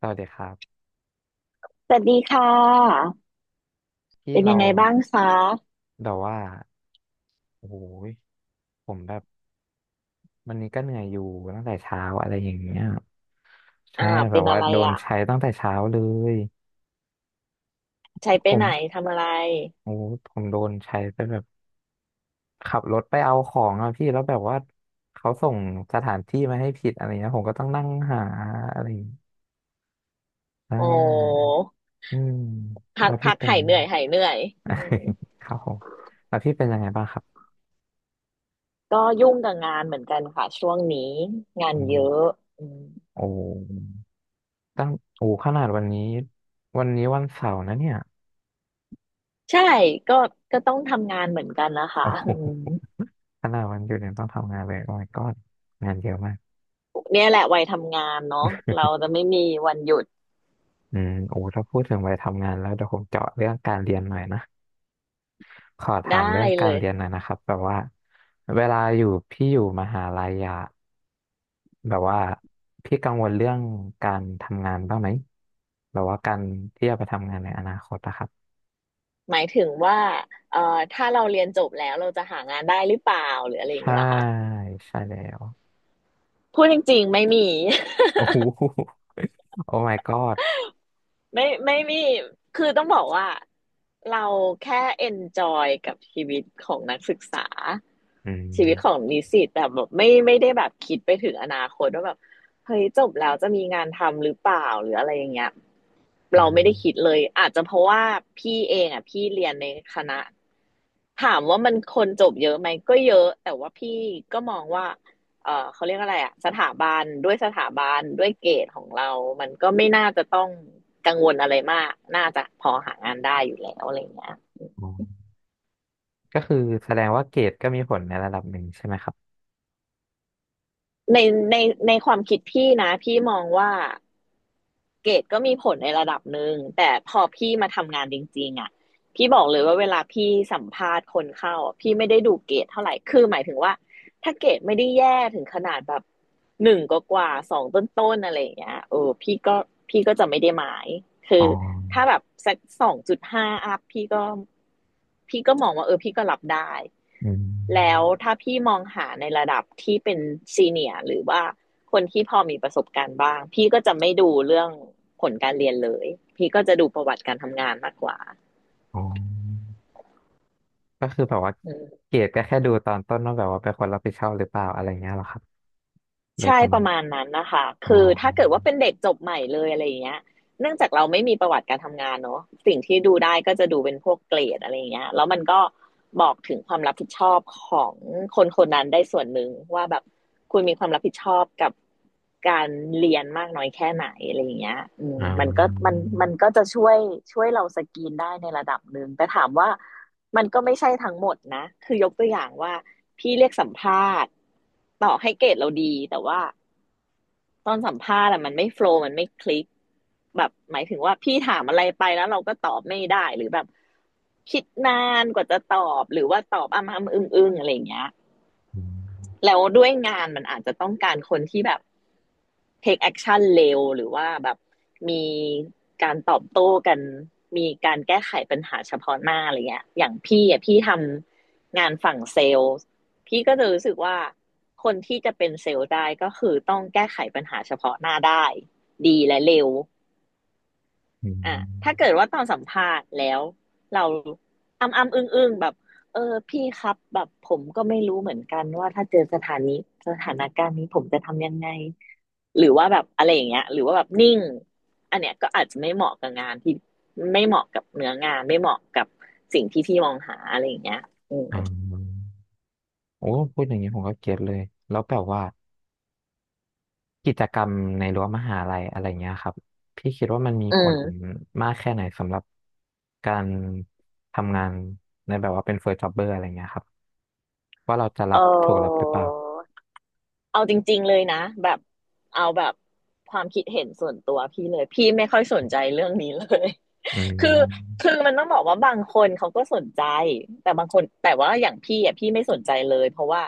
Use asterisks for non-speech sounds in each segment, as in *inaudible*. สวัสดีครับสวัสดีค่ะที่เป็นยัเรางไงบ้างคะแบบว่าโอ้โหยผมแบบวันนี้ก็เหนื่อยอยู่ตั้งแต่เช้าอะไรอย่างเงี้ยอ่าใช่แบเป็บนอะว่าไรโดนอ่ะ ใช้ตั้งแต่เช้าเลยใช้ไปผมไหนทำอะไร โอ้โหผมโดนใช้ไปแบบขับรถไปเอาของอะพี่แล้วแบบว่าเขาส่งสถานที่มาให้ผิดอะไรเงี้ยผมก็ต้องนั่งหาอะไรอย่างเงี้ยอ่าโอ้อืมพัแล้กวพี่พักเป็น *laughs* หายยังเหไง นื่อยหายเหนื่อยอืม *laughs* ครับผมแล้วพี่เป็นยังไงบ้างครับก็ยุ่งกับงานเหมือนกันค่ะช่วงนี้งานอืเยมอะอืมโอ้ ตั้งโอ้ขนาดวันนี้วันนี้วันเสาร์นะเนี่ยใช่ก็ก็ต้องทำงานเหมือนกันนะคะโอ้ *laughs* โอืมหขนาดวันหยุดเนี่ยต้องทำงานเลยโอ้ my god งานเยอะมากเนี่ยแหละวัยทำงานเนาะเราจะไม่มีวันหยุดอืมโอ้ถ้าพูดถึงวัยทำงานแล้วเดี๋ยวผมเจาะเรื่องการเรียนหน่อยนะขอถาได้มเรื่องกาเลรย เรียนหน่อยนะครับแบบว่าเวลาอยู่พี่อยู่มหาลัยอะแบบว่าพี่กังวลเรื่องการทำงานบ้างไหมแบบว่าการที่จะไปทำงานในอนาคตนะครับหมายถึงว่าเอ่อถ้าเราเรียนจบแล้วเราจะหางานได้หรือเปล่าหรืออะไรอย่างใช่เงี้ยเหรอค่ะใช่แล้วพูดจริงๆไม่มี โอ้โห *laughs* โอ้ my god ไม่มี คือต้องบอกว่าเราแค่เอนจอยกับชีวิตของนักศึกษาอืม ชีวิตของนิสิตแต่แบบไม่ได้แบบคิดไปถึงอนาคตว่าแบบเฮ้ยจบแล้วจะมีงานทำหรือเปล่าหรืออะไรอย่างเงี้ยเราไม่ได้คิดเลยอาจจะเพราะว่าพี่เองอ่ะพี่เรียนในคณะถามว่ามันคนจบเยอะไหมก็เยอะแต่ว่าพี่ก็มองว่า เขาเรียกอะไรอ่ะสถาบันด้วยเกรดของเรามันก็ไม่น่าจะต้องกังวลอะไรมากน่าจะพอหางานได้อยู่แล้วอะไรเงี้ยอ๋อก็คือแสดงว่าเกรดก็มีผลในระดับหนึ่งใช่ไหมครับในในในความคิดพี่นะพี่มองว่า เกรดก็มีผลในระดับหนึ่งแต่พอพี่มาทำงานจริงๆอ่ะพี่บอกเลยว่าเวลาพี่สัมภาษณ์คนเข้าพี่ไม่ได้ดูเกรดเท่าไหร่คือหมายถึงว่าถ้าเกรดไม่ได้แย่ถึงขนาดแบบหนึ่งกว่าสองต้นๆอะไรอย่างเงี้ยเออพี่ก็จะไม่ได้หมายคือ๋ออถ้าแบบสัก2.5อัพพี่ก็มองว่าเออพี่ก็รับได้อืแล้วมถ้าพี่มองหาในระดับที่เป็นซีเนียร์หรือว่า คนที่พอมีประสบการณ์บ้างพี่ก็จะไม่ดูเรื่องผลการเรียนเลยพี่ก็จะดูประวัติการทำงานมากกว่าอ๋อก็คือแบบว่าเกรดก็แค่ดูตอนต้นว่าแบบว่าเป็นคนรับผิดชอบหรือเปล่าอะไรเงี้ยเหรอครับโดยใช่ประปมาณระมาณนั้นนะคะอ๋อคือถ้าเกิดว่าเป็นเด็กจบใหม่เลยอะไรอย่างเงี้ย เนื่องจากเราไม่มีประวัติการทำงานเนอะสิ่งที่ดูได้ก็จะดูเป็นพวกเกรดอะไรอย่างเงี้ยแล้วมันก็บอกถึงความรับผิดชอบของคนคนนั้นได้ส่วนหนึ่งว่าแบบคุณมีความรับผิดชอบกับการเรียนมากน้อยแค่ไหนอะไรอย่างเงี้ยอืมอ่ามันก็จะช่วยเราสกรีนได้ในระดับหนึ่งแต่ถามว่ามันก็ไม่ใช่ทั้งหมดนะคือยกตัวอย่างว่าพี่เรียกสัมภาษณ์ต่อให้เกรดเราดีแต่ว่า ตอนสัมภาษณ์อะมันไม่โฟลว์มันไม่คลิกแบบหมายถึงว่าพี่ถามอะไรไปแล้วเราก็ตอบไม่ได้หรือแบบคิดนานกว่าจะตอบหรือว่าตอบอ้ำออึ้งอึ้งอะไรอย่างเงี้ย อืมแล้วด้วยงานมันอาจจะต้องการคนที่แบบ take action เร็วหรือว่าแบบมีการตอบโต้กันมีการแก้ไขปัญหาเฉพาะหน้าอะไรเงี้ยอย่างพี่อ่ะพี่ทำงานฝั่งเซลล์พี่ก็จะรู้สึกว่าคนที่จะเป็นเซลล์ได้ก็คือต้องแก้ไขปัญหาเฉพาะหน้าได้ดีและเร็ว อือ่ะถ้าเกิมดว่าตอนสัมภาษณ์แล้วเราอำอำอึ้งอึ้งแบบเออพี่ครับแบบผมก็ไม่รู้เหมือนกันว่าถ้าเจอสถานการณ์นี้ผมจะทำยังไงหรือว่าแบบอะไรอย่างเงี้ยหรือว่าแบบนิ่งอันเนี้ยก็อาจจะไม่เหมาะกับงานที่ไม่เหมาะกับเนื้องานไม่เหมาะกับสิ่งที่พี่มองหาอะไรอย่างเงี้ยอืมอ่าโอ้พูดอย่างนี้ผมก็เก็ตเลยแล้วแบบว่า กิจกรรมในรั้วมหาลัยอะไรเงี้ยครับพี่คิดว่ามันมีอืผลมมากแค่ไหนสำหรับการทำงานในแบบว่าเป็นเฟิร์สจ็อบเบอร์อะไรเงี้ยครับว่าเราจะเรับถูกรับหรือออเปล่าเอาจริงๆเลยนะแบบเอาแบบความคิดเห็นส่วนตัวพี่เลยพี่ไม่ค่อยสนใจเรื่องนี้เลย อืคือมคือมันต้องบอกว่าบางคนเขาก็สนใจแต่บางคนแต่ว่าอย่างพี่อ่ะพี่ไม่สนใจเลยเพราะว่า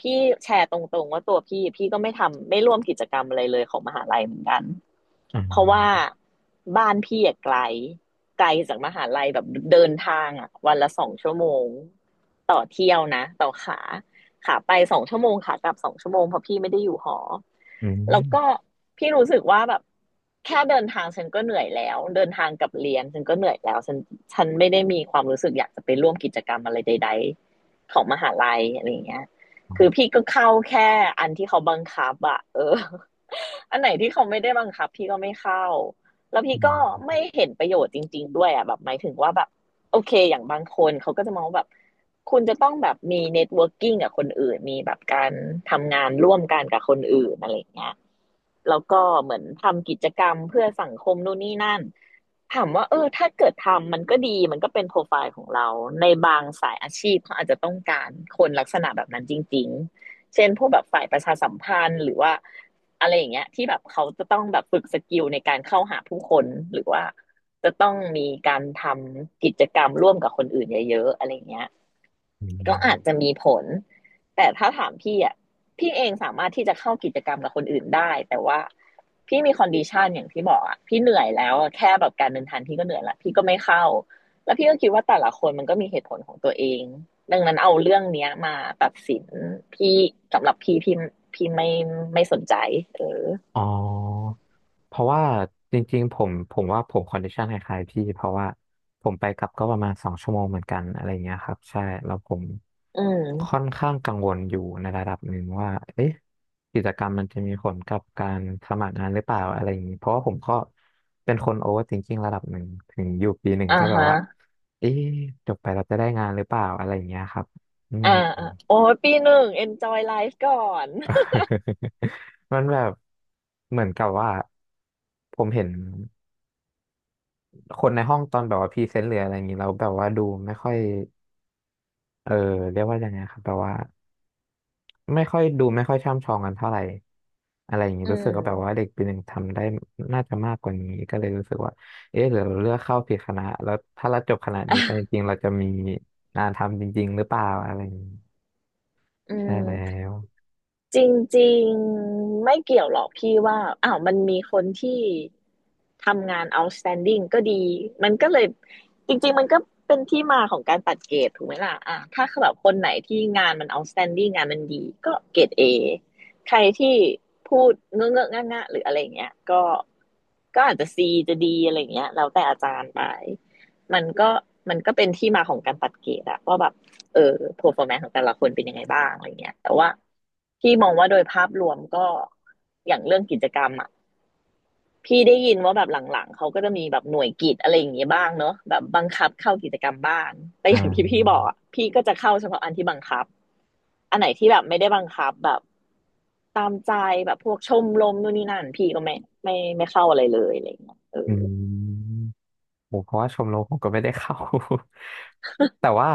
พี่แชร์ตรงๆว่าตัวพี่พี่ก็ไม่ทำไม่ร่วมกิจกรรมอะไรเลยของมหาลัยเหมือนกันอืเพราะว่ามบ้านพี่อ่ะไกลไกลจากมหาลัยแบบเดินทางอ่ะวันละสองชั่วโมงต่อเที่ยวนะต่อขา ขาไป2 ชั่วโมงขากลับสองชั่วโมงเพราะพี่ไม่ได้อยู่หออืมแล้วก็พี่รู้สึกว่าแบบแค่เดินทางฉันก็เหนื่อยแล้วเดินทางกับเรียนฉันก็เหนื่อยแล้วฉันไม่ได้มีความรู้สึกอยากจะไปร่วมกิจกรรมอะไรใดๆของมหาลัยอะไรอย่างเงี้ยอืคือมพี่ก็เข้าแค่อันที่เขาบังคับอะเออ *laughs* อันไหนที่เขาไม่ได้บังคับพี่ก็ไม่เข้าแล้วอืพี่ก็มไม่เห็นประโยชน์จริงๆด้วยอะแบบหมายถึงว่าแบบโอเคอย่างบางคนเขาก็จะมองแบบ คุณจะต้องแบบมี networking กงกับคนอื่น มีแบบการทำงานร่วมกันกับคนอื่นอะไรเงี้ย แล้วก็เหมือนทำกิจกรรมเพื่อสังคมนู่นนี่นั่นถามว่าเออถ้าเกิดทำมันก็ดีมันก็เป็นโปรไฟล์ของเราในบางสายอาชีพเขาอาจจะต้องการคนลักษณะแบบนั้นจริงๆเช่นพวกแบบฝ่ายประชาสัมพันธ์หรือว่าอะไรอย่างเงี้ยที่แบบเขาจะต้องแบบฝึกสกิลในการเข้าหาผู้คนหรือว่าจะต้องมีการทำกิจกรรมร่วมกับคนอื่นเยอะๆอะไรอย่างเงี้ยอืม ก็อาจจะมีผล แต่ถ้าถามพี่อ่ะพี่เองสามารถที่จะเข้ากิจกรรมกับคนอื่นได้แต่ว่าพี่มีคอนดิชันอย่างที่บอกอ่ะพี่เหนื่อยแล้วแค่แบบการเดินทางพี่ก็เหนื่อยละพี่ก็ไม่เข้าแล้วพี่ก็คิดว่าแต่ละคนมันก็มีเหตุผลของตัวเองดังนั้นเอาเรื่องเนี้ยมาตัดสินพี่สำหรับพี่พี่ไม่ไม่สนใจเอออ๋อเพราะว่าจริงๆผมว่าผมคอนดิชันคล้ายๆพี่เพราะว่าผมไปกลับก็ประมาณสองชั่วโมงเหมือนกันอะไรเงี้ยครับใช่แล้วผมอืมค่อนข้างกังวลอยู่ในระดับหนึ่งว่าเอ๊ะกิจกรรมมันจะมีผลกับการสมัครงานหรือเปล่าอะไรอย่างนี้เพราะว่าผมก็เป็นคนโอเวอร์ i ิงกิ้งระดับหนึ่งถึงอยู่ปีหนึ่งอ่าก็แบบฮะว่าเอ๊ะจบไปเราจะได้งานหรือเปล่าอะไรอย่างเงี้ยครับอืม อ่าอ่าโอ้ยปีหนึ่ง enjoy life ก่อน *laughs* มันแบบเหมือนกับว่าผมเห็นคนในห้องตอนแบบว่าพรีเซนต์หรืออะไรอย่างนี้แล้วแบบว่าดูไม่ค่อยเออเรียกว่ายังไงครับแบบว่าไม่ค่อยดูไม่ค่อยช่ำชองกันเท่าไหร่อะไรอย่างนี้อืรู้สึกว่าแบบว่ามเด็กปีหนึ่งทำได้น่าจะมากกว่านี้ก็เลยรู้สึกว่าเอ๊ะหรือเราเลือกเข้าผิดคณะแล้วถ้าเราจบคณะนี้อ่ะไปจริงๆเราจะมีงานทำจริงๆหรือเปล่าอะไรอย่างนี้อืใช่แล้ม วจริงๆไม่เกี่ยวหรอกพี่ว่าอ้าวมันมีคนที่ทำงาน outstanding ก็ดีมันก็เลยจริงๆมันก็เป็นที่มาของการตัดเกรดถูกไหมล่ะอ่ะถ้าแบบคนไหนที่งานมัน outstanding งานมันดีก็เกรด A ใครที่พูดเงอะเงอะงะงะหรืออะไรอย่างเงี้ยก็ก็อาจจะ C จะ D อะไรอย่างเงี้ยแล้วแต่อาจารย์ไปมันก็มันก็เป็นที่มาของการตัดเกรดอะว่าแบบ เออ performance ของแต่ละคนเป็นยังไงบ้างอะไรเงี้ยแต่ว่าพี่มองว่าโดยภาพรวมก็อย่างเรื่องกิจกรรมอ่ะพี่ได้ยินว่าแบบหลังๆเขาก็จะมีแบบหน่วยกิจอะไรอย่างเงี้ยบ้างเนอะแบบบังคับเข้ากิจกรรมบ้างแต่อ่อย่างที่พี่บอกาอะพี่ก็จะเข้าเฉพาะอันที่บังคับอันไหนที่แบบไม่ได้บังคับแบบตามใจแบบพวกชมรมนู่นนี่นั่นพี่ก็ไม่ไม่เข้าอะไรเลยอะไรเงี้ยเอออืม ผมเพราะว่าชมรมผมก็ไม่ได้เข้า *laughs* แต่ว่า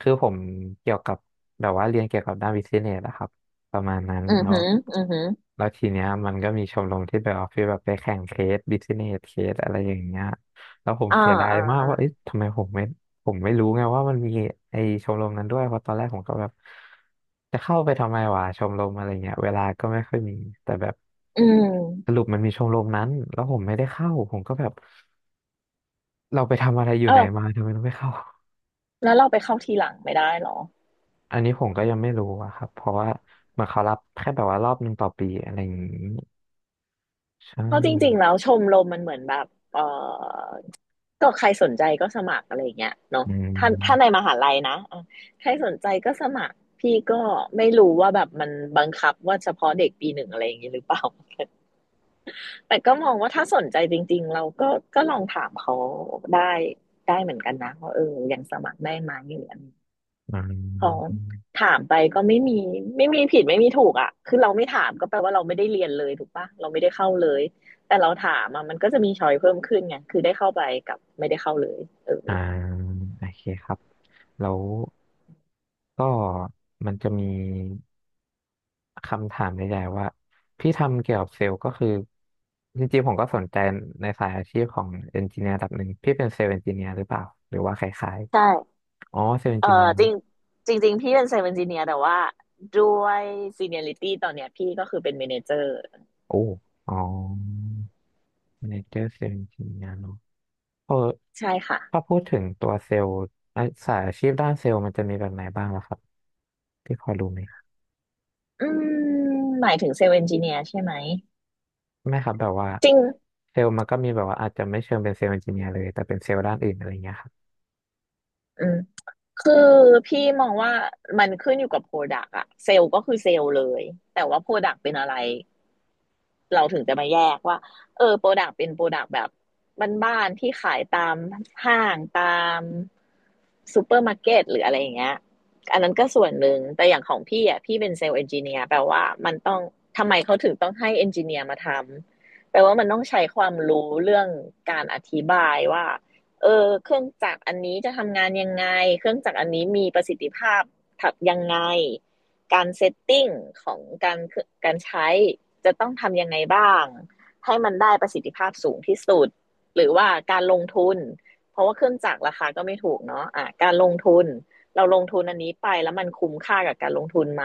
คือผมเกี่ยวกับแบบว่าเรียนเกี่ยวกับด้านบิสเนสนะครับประมาณนั้นอือแล้วหืออือหือแล้วทีเนี้ยมันก็มีชมรมที่แบบว่าฟีลแบบไปแข่งเคสบิสเนสเคสอะไรอย่างเงี้ยแล้วผมอ่าเสียดายอ่ามากอ่าว่าเอ๊ะทำไมผมไม่ผมไม่รู้ไงว่ามันมีไอชมรมนั้นด้วยเพราะตอนแรกผมก็แบบจะเข้าไปทำไมวะชมรมอะไรเงี้ยเวลาก็ไม่ค่อยมีแต่แบบอืสมรุปมันมีชมรมนั้นแล้วผมไม่ได้เข้าผมก็แบบ เราไปทำอะไรอยู่เอไหนอมาทำไมเราไม่เข้า แล้วเราไปเข้าทีหลังไม่ได้เหรอ อันนี้ผมก็ยังไม่รู้อะครับ เพราะว่าเหมือนเขารับแค่แบบว่ารอบหนึ่งต่อปีอะไรอย่างนี้ใช่ เพราะจริงๆ แล้วชมรมมันเหมือนแบบเออก็ใครสนใจก็สมัครอะไรอย่างเงี้ยเนาะอืถ้าในมมหาลัยนะอ่ะใครสนใจก็สมัครพี่ก็ไม่รู้ว่าแบบมันบังคับว่าเฉพาะเด็กปีหนึ่งอะไรอย่างงี้หรือเปล่า *laughs* แต่ก็มองว่าถ้าสนใจจริงๆเราก็ก็ลองถามเขาได้ได้เหมือนกันนะว่าเออยังสมัครได้ไหมหรืออะไร อืของมถามไปก็ไม่มีไม่มีผิดไม่มีถูกอ่ะคือเราไม่ถามก็แปลว่าเราไม่ได้เรียนเลยถูกปะเราไม่ได้เข้าเลย แต่เราถามอ่ะมันก็จะมีช้อยเพิ่มขึ้นไงคือได้เข้าไปกับไม่ได้เข้าเลยเอออ่าโอเคครับ แล้วก็มันจะมีคำถามใหญ่ๆว่าพี่ทำเกี่ยวกับเซลล์ก็คือจริงๆผมก็สนใจในสายอาชีพของเอนจิเนียร์ระดับหนึ่งพี่เป็นเซลล์เอนจิเนียร์หรือเปล่าหรือว่าคล้ายใช่ๆอ๋อเซลล์เอนเออจิเนียร์จริงจริงๆพี่เป็นเซลล์เอนจิเนียร์แต่ว่าด้วยซีเนียริตี้ตอนเนี้ยพี่ก็คือเป็นเมเนเจอร์โอ้อ๋อ แมเนเจอร์เซลล์ทีมงานเนาะเออใช่ค่ะถ้าพูดถึงตัวเซลล์อ่ะสายอาชีพด้านเซลล์มันจะมีแบบไหนบ้างล่ะครับที่พอรู้ไหมอืมหมายถึงเซลล์เอนจิเนียร์ใช่ไหมไม่ครับแบบว่าจริงเซลล์มันก็มีแบบว่าอาจจะไม่เชิงเป็นเซลล์เอนจิเนียร์เลยแต่เป็นเซลล์ด้านอื่นอะไรเงี้ยครับอืมคือพี่มองว่ามันขึ้นอยู่กับโปรดักต์อะเซลล์ก็คือเซลล์เลยแต่ว่าโปรดักต์เป็นอะไร เราถึงจะมาแยกว่าเออโปรดักต์เป็นโปรดักต์แบบบ้านๆที่ขายตามห้างตามซูเปอร์มาร์เก็ตหรืออะไรอย่างเงี้ยอันนั้นก็ส่วนหนึ่งแต่อย่างของพี่อ่ะพี่เป็นเซลล์เอนจิเนียร์แปลว่ามันต้องทำไมเขาถึงต้องให้เอนจิเนียร์มาทำแปลว่ามันต้องใช้ความรู้เรื่องการอธิบายว่าเออเครื่องจักรอันนี้จะทำงานยังไงเครื่องจักรอันนี้มีประสิทธิภาพถักยังไงการเซตติ้งของการการใช้ จะต้องทำยังไงบ้างให้มันได้ประสิทธิภาพสูงที่สุดหรือว่าการลงทุนเพราะว่าเครื่องจักรราคาก็ไม่ถูกเนาะอ่ะการลงทุนเราลงทุนอันนี้ไปแล้วมันคุ้มค่ากับการลงทุนไหม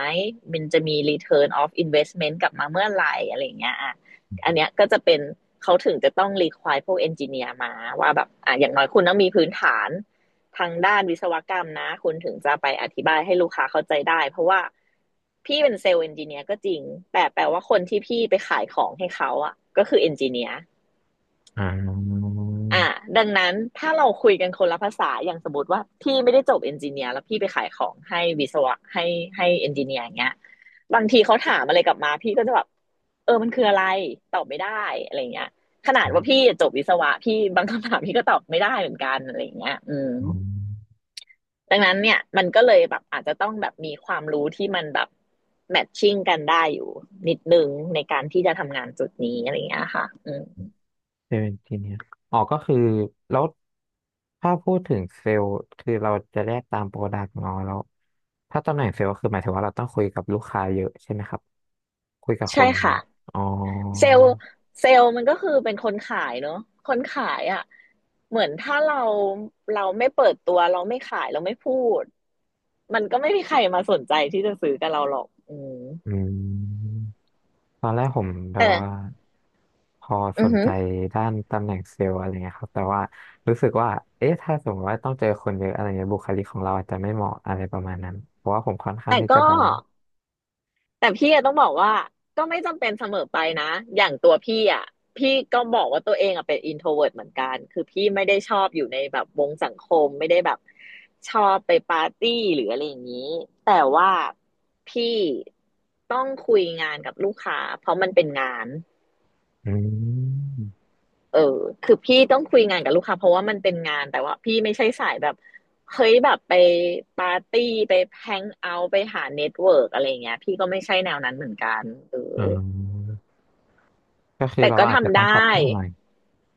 มันจะมี return of investment กลับมาเมื่อไหร่อะไรอย่างเงี้ยอ่ะอันเนี้ยก็จะเป็นเขาถึงจะต้องรี u i r e พวกเอนจิเนียร์มาว่าแบบอ่ะอย่างน้อยคุณต้องมีพื้นฐาน ทางด้านวิศวกรรมนะคุณถึงจะไปอธิบายให้ลูกค้าเข้าใจได้เพราะว่าพี่เป็นเซลล์เอนจิเนียร์ก็จริงแต่แปลว่าคนที่พี่ไปขายของให้เขาอ่ะก็คือเอนจิเนียร์อ่าออ่ะดังนั้นถ้าเราคุยกันคนละภาษาอย่างสมมติว่าพี่ไม่ได้จบเอนจิเนียร์แล้วพี่ไปขายของให้วิศวะให้ให้เอนจิเนียร์อย่างเงี้ยบางทีเขาถามอะไรกลับมาพี่ก็จะแบบเออมันคืออะไรตอบไม่ได้อะไรเงี้ยขนาืดมว่าพี่จบวิศวะพี่บางคำถามพี่ก็ตอบไม่ได้เหมือนกันอะไรเงี้ยอืม อืมดังนั้นเนี่ยมันก็เลยแบบอาจจะต้องแบบมีความรู้ที่มันแบบแมทชิ่งกันได้อยู่นิดนึงในการที่จะทำงานจุดนี้อะไรอย่างเงี้ยค่ะอืมเซลล์เอนจิเนียร์อ๋อก็คือแล้วถ้าพูดถึงเซลล์คือเราจะแยกตามโปรดักต์เนาะแล้วถ้าตำแหน่งเซลล์ก็คือหมายถึงว่าเราต้องคุยกับลูกค้าเยอะใช่ไหมครับคุยกับคใช่นค่ะอ๋อ เซลล์เซลล์มันก็คือเป็นคนขายเนอะคนขายอ่ะเหมือนถ้าเราไม่เปิดตัวเราไม่ขายเราไม่พูดมันก็ไม่มีใครมาสนใจที่จะซื้อกับเราหรอกอืมอืมตอนแรกผมแบแต่บว่าพอสอือนหใจด้านตำแหน่งเซลล์อะไรเงี้ยครับแต่ว่ารู้สึกว่าเอ๊ะถ้าสมมติว่าต้องเจอคนเยอะอะไรเงี้ยบุคลิกของเราอาจจะไม่เหมาะอะไรประมาณนั้นเพราะว่าผมค่อนข้างแต่ที่จะก็ แบบว่าแต่พี่อะต้องบอกว่าก็ไม่จำเป็นเสมอไปนะอย่างตัวพี่อะพี่ก็บอกว่าตัวเองอะเป็น introvert เหมือนกันคือพี่ไม่ได้ชอบอยู่ในแบบวงสังคมไม่ได้แบบชอบไปปาร์ตี้หรืออะไรอย่างนี้แต่ว่าพี่ต้องคุยงานกับลูกค้าเพราะมันเป็นงานอืมเออคือพี่ต้องคุยงานกับลูกค้าเพราะว่ามันเป็นงานแต่ว่าพี่ไม่ใช่สายแบบเฮ้ยแบบไปปาร์ตี้ไปแฮงเอาท์ไปหาเน็ตเวิร์กอะไรเงี้ยพี่ก็ไม่ใช่แนวนั้นเหมือนกันเออ๋อ อก็คือแต่เราก็ก็อาจจะทำต้อไดงปรั้ บตัวหน่อย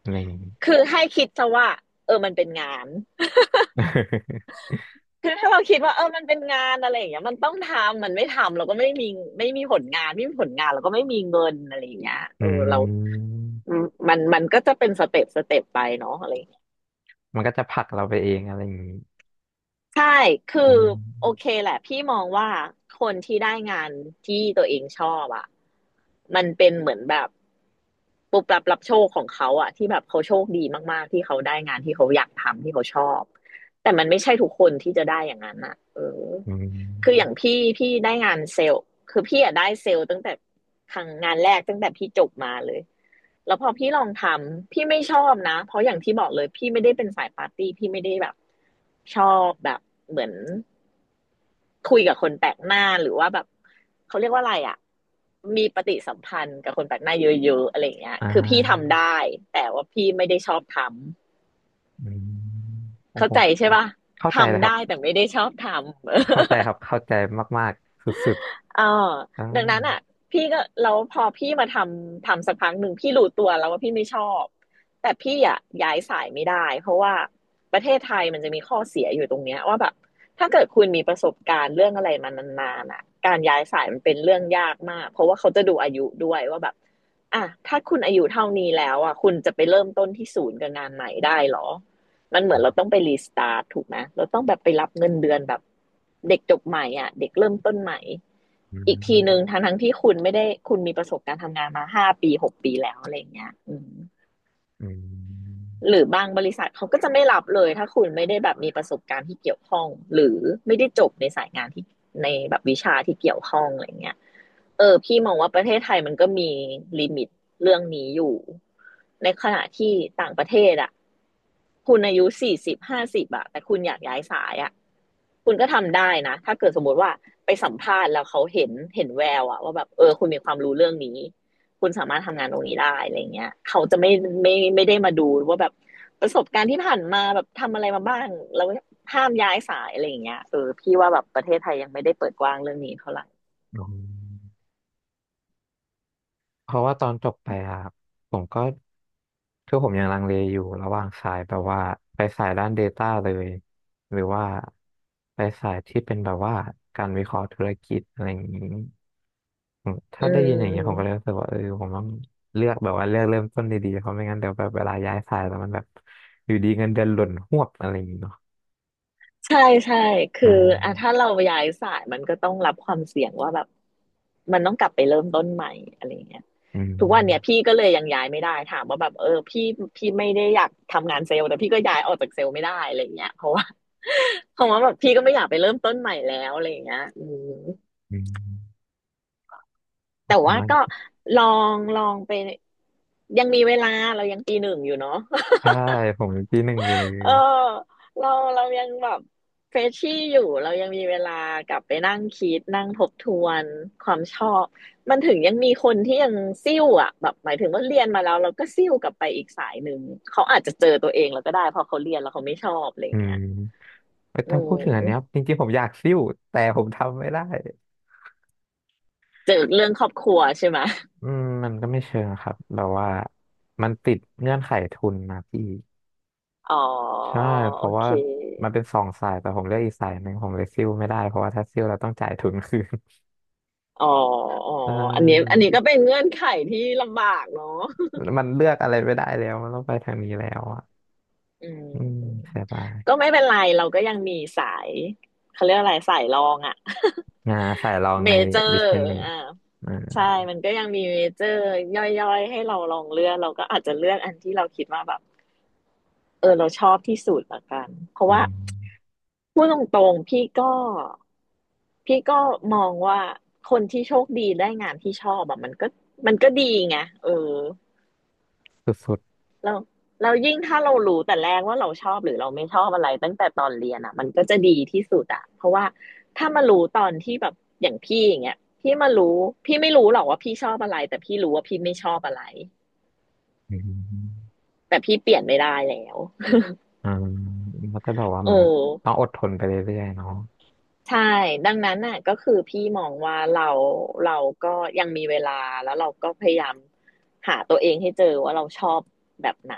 อะไรอย่างงี้ คือให้คิดซะว่าเออมันเป็นงาน *laughs* คือถ้าเราคิดว่าเออมันเป็นงานอะไรอย่างเงี้ยมันต้องทำมันไม่ทำเราก็ไม่มีไม่มีผลงานไม่มีผลงานเราก็ไม่มีเงินอะไรอย่างเงี้ยอืเออเรามมันมันก็จะเป็นสเต็ปสเต็ปไปเนาะอะไร มันก็จะผลักเราไปเองอะไรอย่างงี้ใช่คือือโอเคมแหละพี่มองว่าคนที่ได้งานที่ตัวเองชอบอ่ะมันเป็นเหมือนแบบปุบปับรับโชคของเขาอ่ะที่แบบเขาโชคดีมากๆที่เขาได้งานที่เขาอยากทำที่เขาชอบ แต่มันไม่ใช่ทุกคนที่จะได้อย่างนั้นอ่ะเออ อืคืออมย่างพี่ได้งานเซลล์คือพี่อะได้เซลล์ตั้งแต่ครั้งงานแรกตั้งแต่พี่จบมาเลยแล้วพอพี่ลองทำพี่ไม่ชอบนะเพราะอย่างที่บอกเลยพี่ไม่ได้เป็นสายปาร์ตี้พี่ไม่ได้แบบชอบแบบเหมือนคุยกับคนแปลกหน้าหรือว่าแบบเขาเรียกว่าอะไรอะมีปฏิสัมพันธ์กับคนแปลกหน้าเยอะๆอะไรอย่างเงี้ยอ่าคือพี่ทำได้แต่ว่าพี่ไม่ได้ชอบทอืมำโอ้เข้าโหใจใช่ปะเข้าใจเลยทำครับ ได้แต่ไม่ได้ชอบทำ เข้าใจครับเข้าใจมากๆสุดเออๆอ่าดังนั้นอ่ะพี่ก็แล้วพอพี่มาทำสักพักหนึ่งพี่รู้ตัวแล้วว่าพี่ไม่ชอบแต่พี่อ่ะย้ายสายไม่ได้เพราะว่าประเทศไทยมันจะมีข้อเสียอยู่ตรงเนี้ยว่าแบบถ้าเกิดคุณมีประสบการณ์เรื่องอะไรมานานๆอ่ะการย้ายสายมันเป็นเรื่องยากมากเพราะว่าเขาจะดูอายุด้วยว่าแบบอ่ะถ้าคุณอายุเท่านี้แล้วอ่ะคุณจะไปเริ่มต้นที่ศูนย์กับงานใหม่ได้เหรอ มันเหมือนเราต้องไปรีสตาร์ทถูกไหมเราต้องแบบไปรับเงินเดือนแบบเด็กจบใหม่อ่ะเด็กเริ่มต้นใหม่อือีกทีหนึ่งมทั้งที่คุณไม่ได้คุณมีประสบการณ์ทำงานมา5 ปี 6 ปีแล้วอะไรอย่างเงี้ยอืม อืมหรือบางบริษัทเขาก็จะไม่รับเลยถ้าคุณไม่ได้แบบมีประสบการณ์ที่เกี่ยวข้องหรือไม่ได้จบในสายงานที่ในแบบวิชาที่เกี่ยวข้องอะไรเงี้ยเออพี่มองว่าประเทศไทยมันก็มีลิมิตเรื่องนี้อยู่ในขณะที่ต่างประเทศอ่ะคุณอายุ40 50อะแต่คุณอยากย้ายสายอะคุณก็ทำได้นะถ้าเกิดสมมติว่าไปสัมภาษณ์แล้วเขาเห็นแววอะว่าแบบเออคุณมีความรู้เรื่องนี้ คุณสามารถทำงานตรงนี้ได้อะไรเงี้ยเขาจะไม่ได้มาดูว่าแบบประสบการณ์ที่ผ่านมาแบบทำอะไรมาบ้างแล้วห้ามย้ายสายอะไรอย่างเงี้ยเออพี่ว่าแบบประเทศไทยยังไม่ได้เปิดกว้างเรื่องนี้เท่าไหร่อืมเพราะว่าตอนจบไปอะครับผมก็คือผมยังลังเลอยู่ระหว่างสายแบบว่าไปสายด้าน Data เลย หรือว่าไปสายที่เป็นแบบว่าการวิเคราะห์ธุรกิจอะไรอย่างนี้อืมอืถ้าได้ยินอย่างนี้ผมก็เลยม รู้สึกว่าเออผมต้องเลือกแบบว่าเลือกเริ่มต้นดีๆเพราะไม่งั้นเดี๋ยวแบบเวลาย้ายสายแล้วมันแบบอยู่ดีเงินเดือนหล่นหวบอะไรอย่างนี้เนาะใช่ใช่คืออ่าอ่ะถ้าเราย้ายสายมันก็ต้องรับความเสี่ยงว่าแบบมันต้องกลับไปเริ่มต้นใหม่อะไรอย่างเงี้ยอืม ทุกวันเนี่ยพี่ก็เลยยังย้ายไม่ได้ถามว่าแบบเออพี่ไม่ได้อยากทำงานเซลล์แต่พี่ก็ย้ายออกจากเซลล์ไม่ได้อะไรอย่างเงี้ยเพราะว่า *laughs* เพราะว่าแบบพี่ก็ไม่อยากไปเริ่มต้นใหม่แล้วอะไรอย่างเงี้ยอืมอืมขอแต่บคุณว่ามาก็กลอลองไป ยังมีเวลาเรายังปีหนึ่งอยู่เนาะ ใช่ผมยังปีหนึ่งอยู่เลยเออเราเรายังแบบเฟรชชี่อยู่เรายังมีเวลากลับไปนั่งคิดนั่งทบทวนความชอบมันถึงยังมีคนที่ยังซิ่วอ่ะแบบหมายถึงว่าเรียนมาแล้วเราก็ซิ่วกลับไปอีกสายหนึ่งเขาอาจจะเจอตัวเองแล้วก็ได้เพอเขาเรียนแล้วเขาไม่ชอบอะไรออืย่างมเงี้ยแต่อืถ้าพูดถึงอันเนี้ยมจริงๆผมอยากซิ่วแต่ผมทำไม่ได้เจอเรื่องครอบครัวใช่ไหมอืมมันก็ไม่เชิงครับแบบว่ามันติดเงื่อนไขทุนนะพี่อ๋อใช่เพโอราะเคว่ามันเป็นสองสายแต่ผมเลือกอีกสายหนึ่งผมเลยซิ่วไม่ได้เพราะว่าถ้าซิ่วเราต้องจ่ายทุนคืน อ๋ออ๋อ *laughs* อ่อันนี้อันานี้ก็เป็นเงื่อนไขที่ลำบากเนาะ มันเลือกอะไรไม่ได้แล้วมันต้องไปทางนี้แล้วอ่ะอืมอืมอืมเสียดาก็ยไม่เป็นไรเราก็ยังมีสายเขาเรียกอะไรสายรองอะ งานสายรอ *laughs* งเมในเจอบิร์สเนสอ่าใช่อ่ามันก็ยังมีเมเจอร์ย่อยๆให้เราลองเลือกเราก็อาจจะเลือกอันที่เราคิดว่าแบบเออเราชอบที่สุดละกันเพราะอืว่ามพูดตรงๆพี่ก็มองว่าคนที่โชคดีได้งานที่ชอบแบบมันก็ดีไงเออ สุดเราเรายิ่งถ้าเรารู้แต่แรกว่าเราชอบหรือเราไม่ชอบอะไรตั้งแต่ตอนเรียนอ่ะมันก็จะดีที่สุดอ่ะเพราะว่าถ้ามารู้ตอนที่แบบอย่างพี่อย่างเงี้ยพี่มารู้พี่ไม่รู้หรอกว่าพี่ชอบอะไรแต่พี่รู้ว่าพี่ไม่ชอบอะไรๆอืม แต่พี่เปลี่ยนไม่ได้แล้วอ่าเขาจะบอกว่าเหเอมือ อนกับต้องอดทนไปเรื่อยๆเนาะใช่ดังนั้นน่ะก็คือพี่มองว่าเราก็ยังมีเวลาแล้วเราก็พยายามหาตัวเองให้เจอว่าเราชอบแบบไหน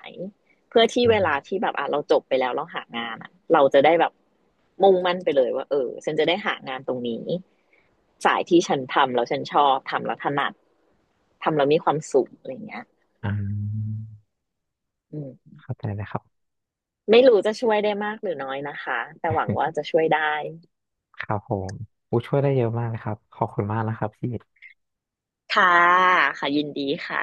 เพื่อที่อืเวลามที่แบบอ่ะเราจบไปแล้วเราหางานอ่ะเราจะได้แบบมุ่งมั่นไปเลยว่าเออฉันจะได้หางานตรงนี้สายที่ฉันทำแล้วฉันชอบทำแล้วถนัดทำแล้วมีความสุขอะไรเงี้ยอ่าอืมเข้าใจนะครับไม่รู้จะช่วยได้มากหรือน้อยนะคะแต่หวังว่าจะช่วยได้ครับผมอู้ช่วยได้เยอะมากเลยครับขอบคุณมากนะครับพี่ค่ะค่ะยินดีค่ะ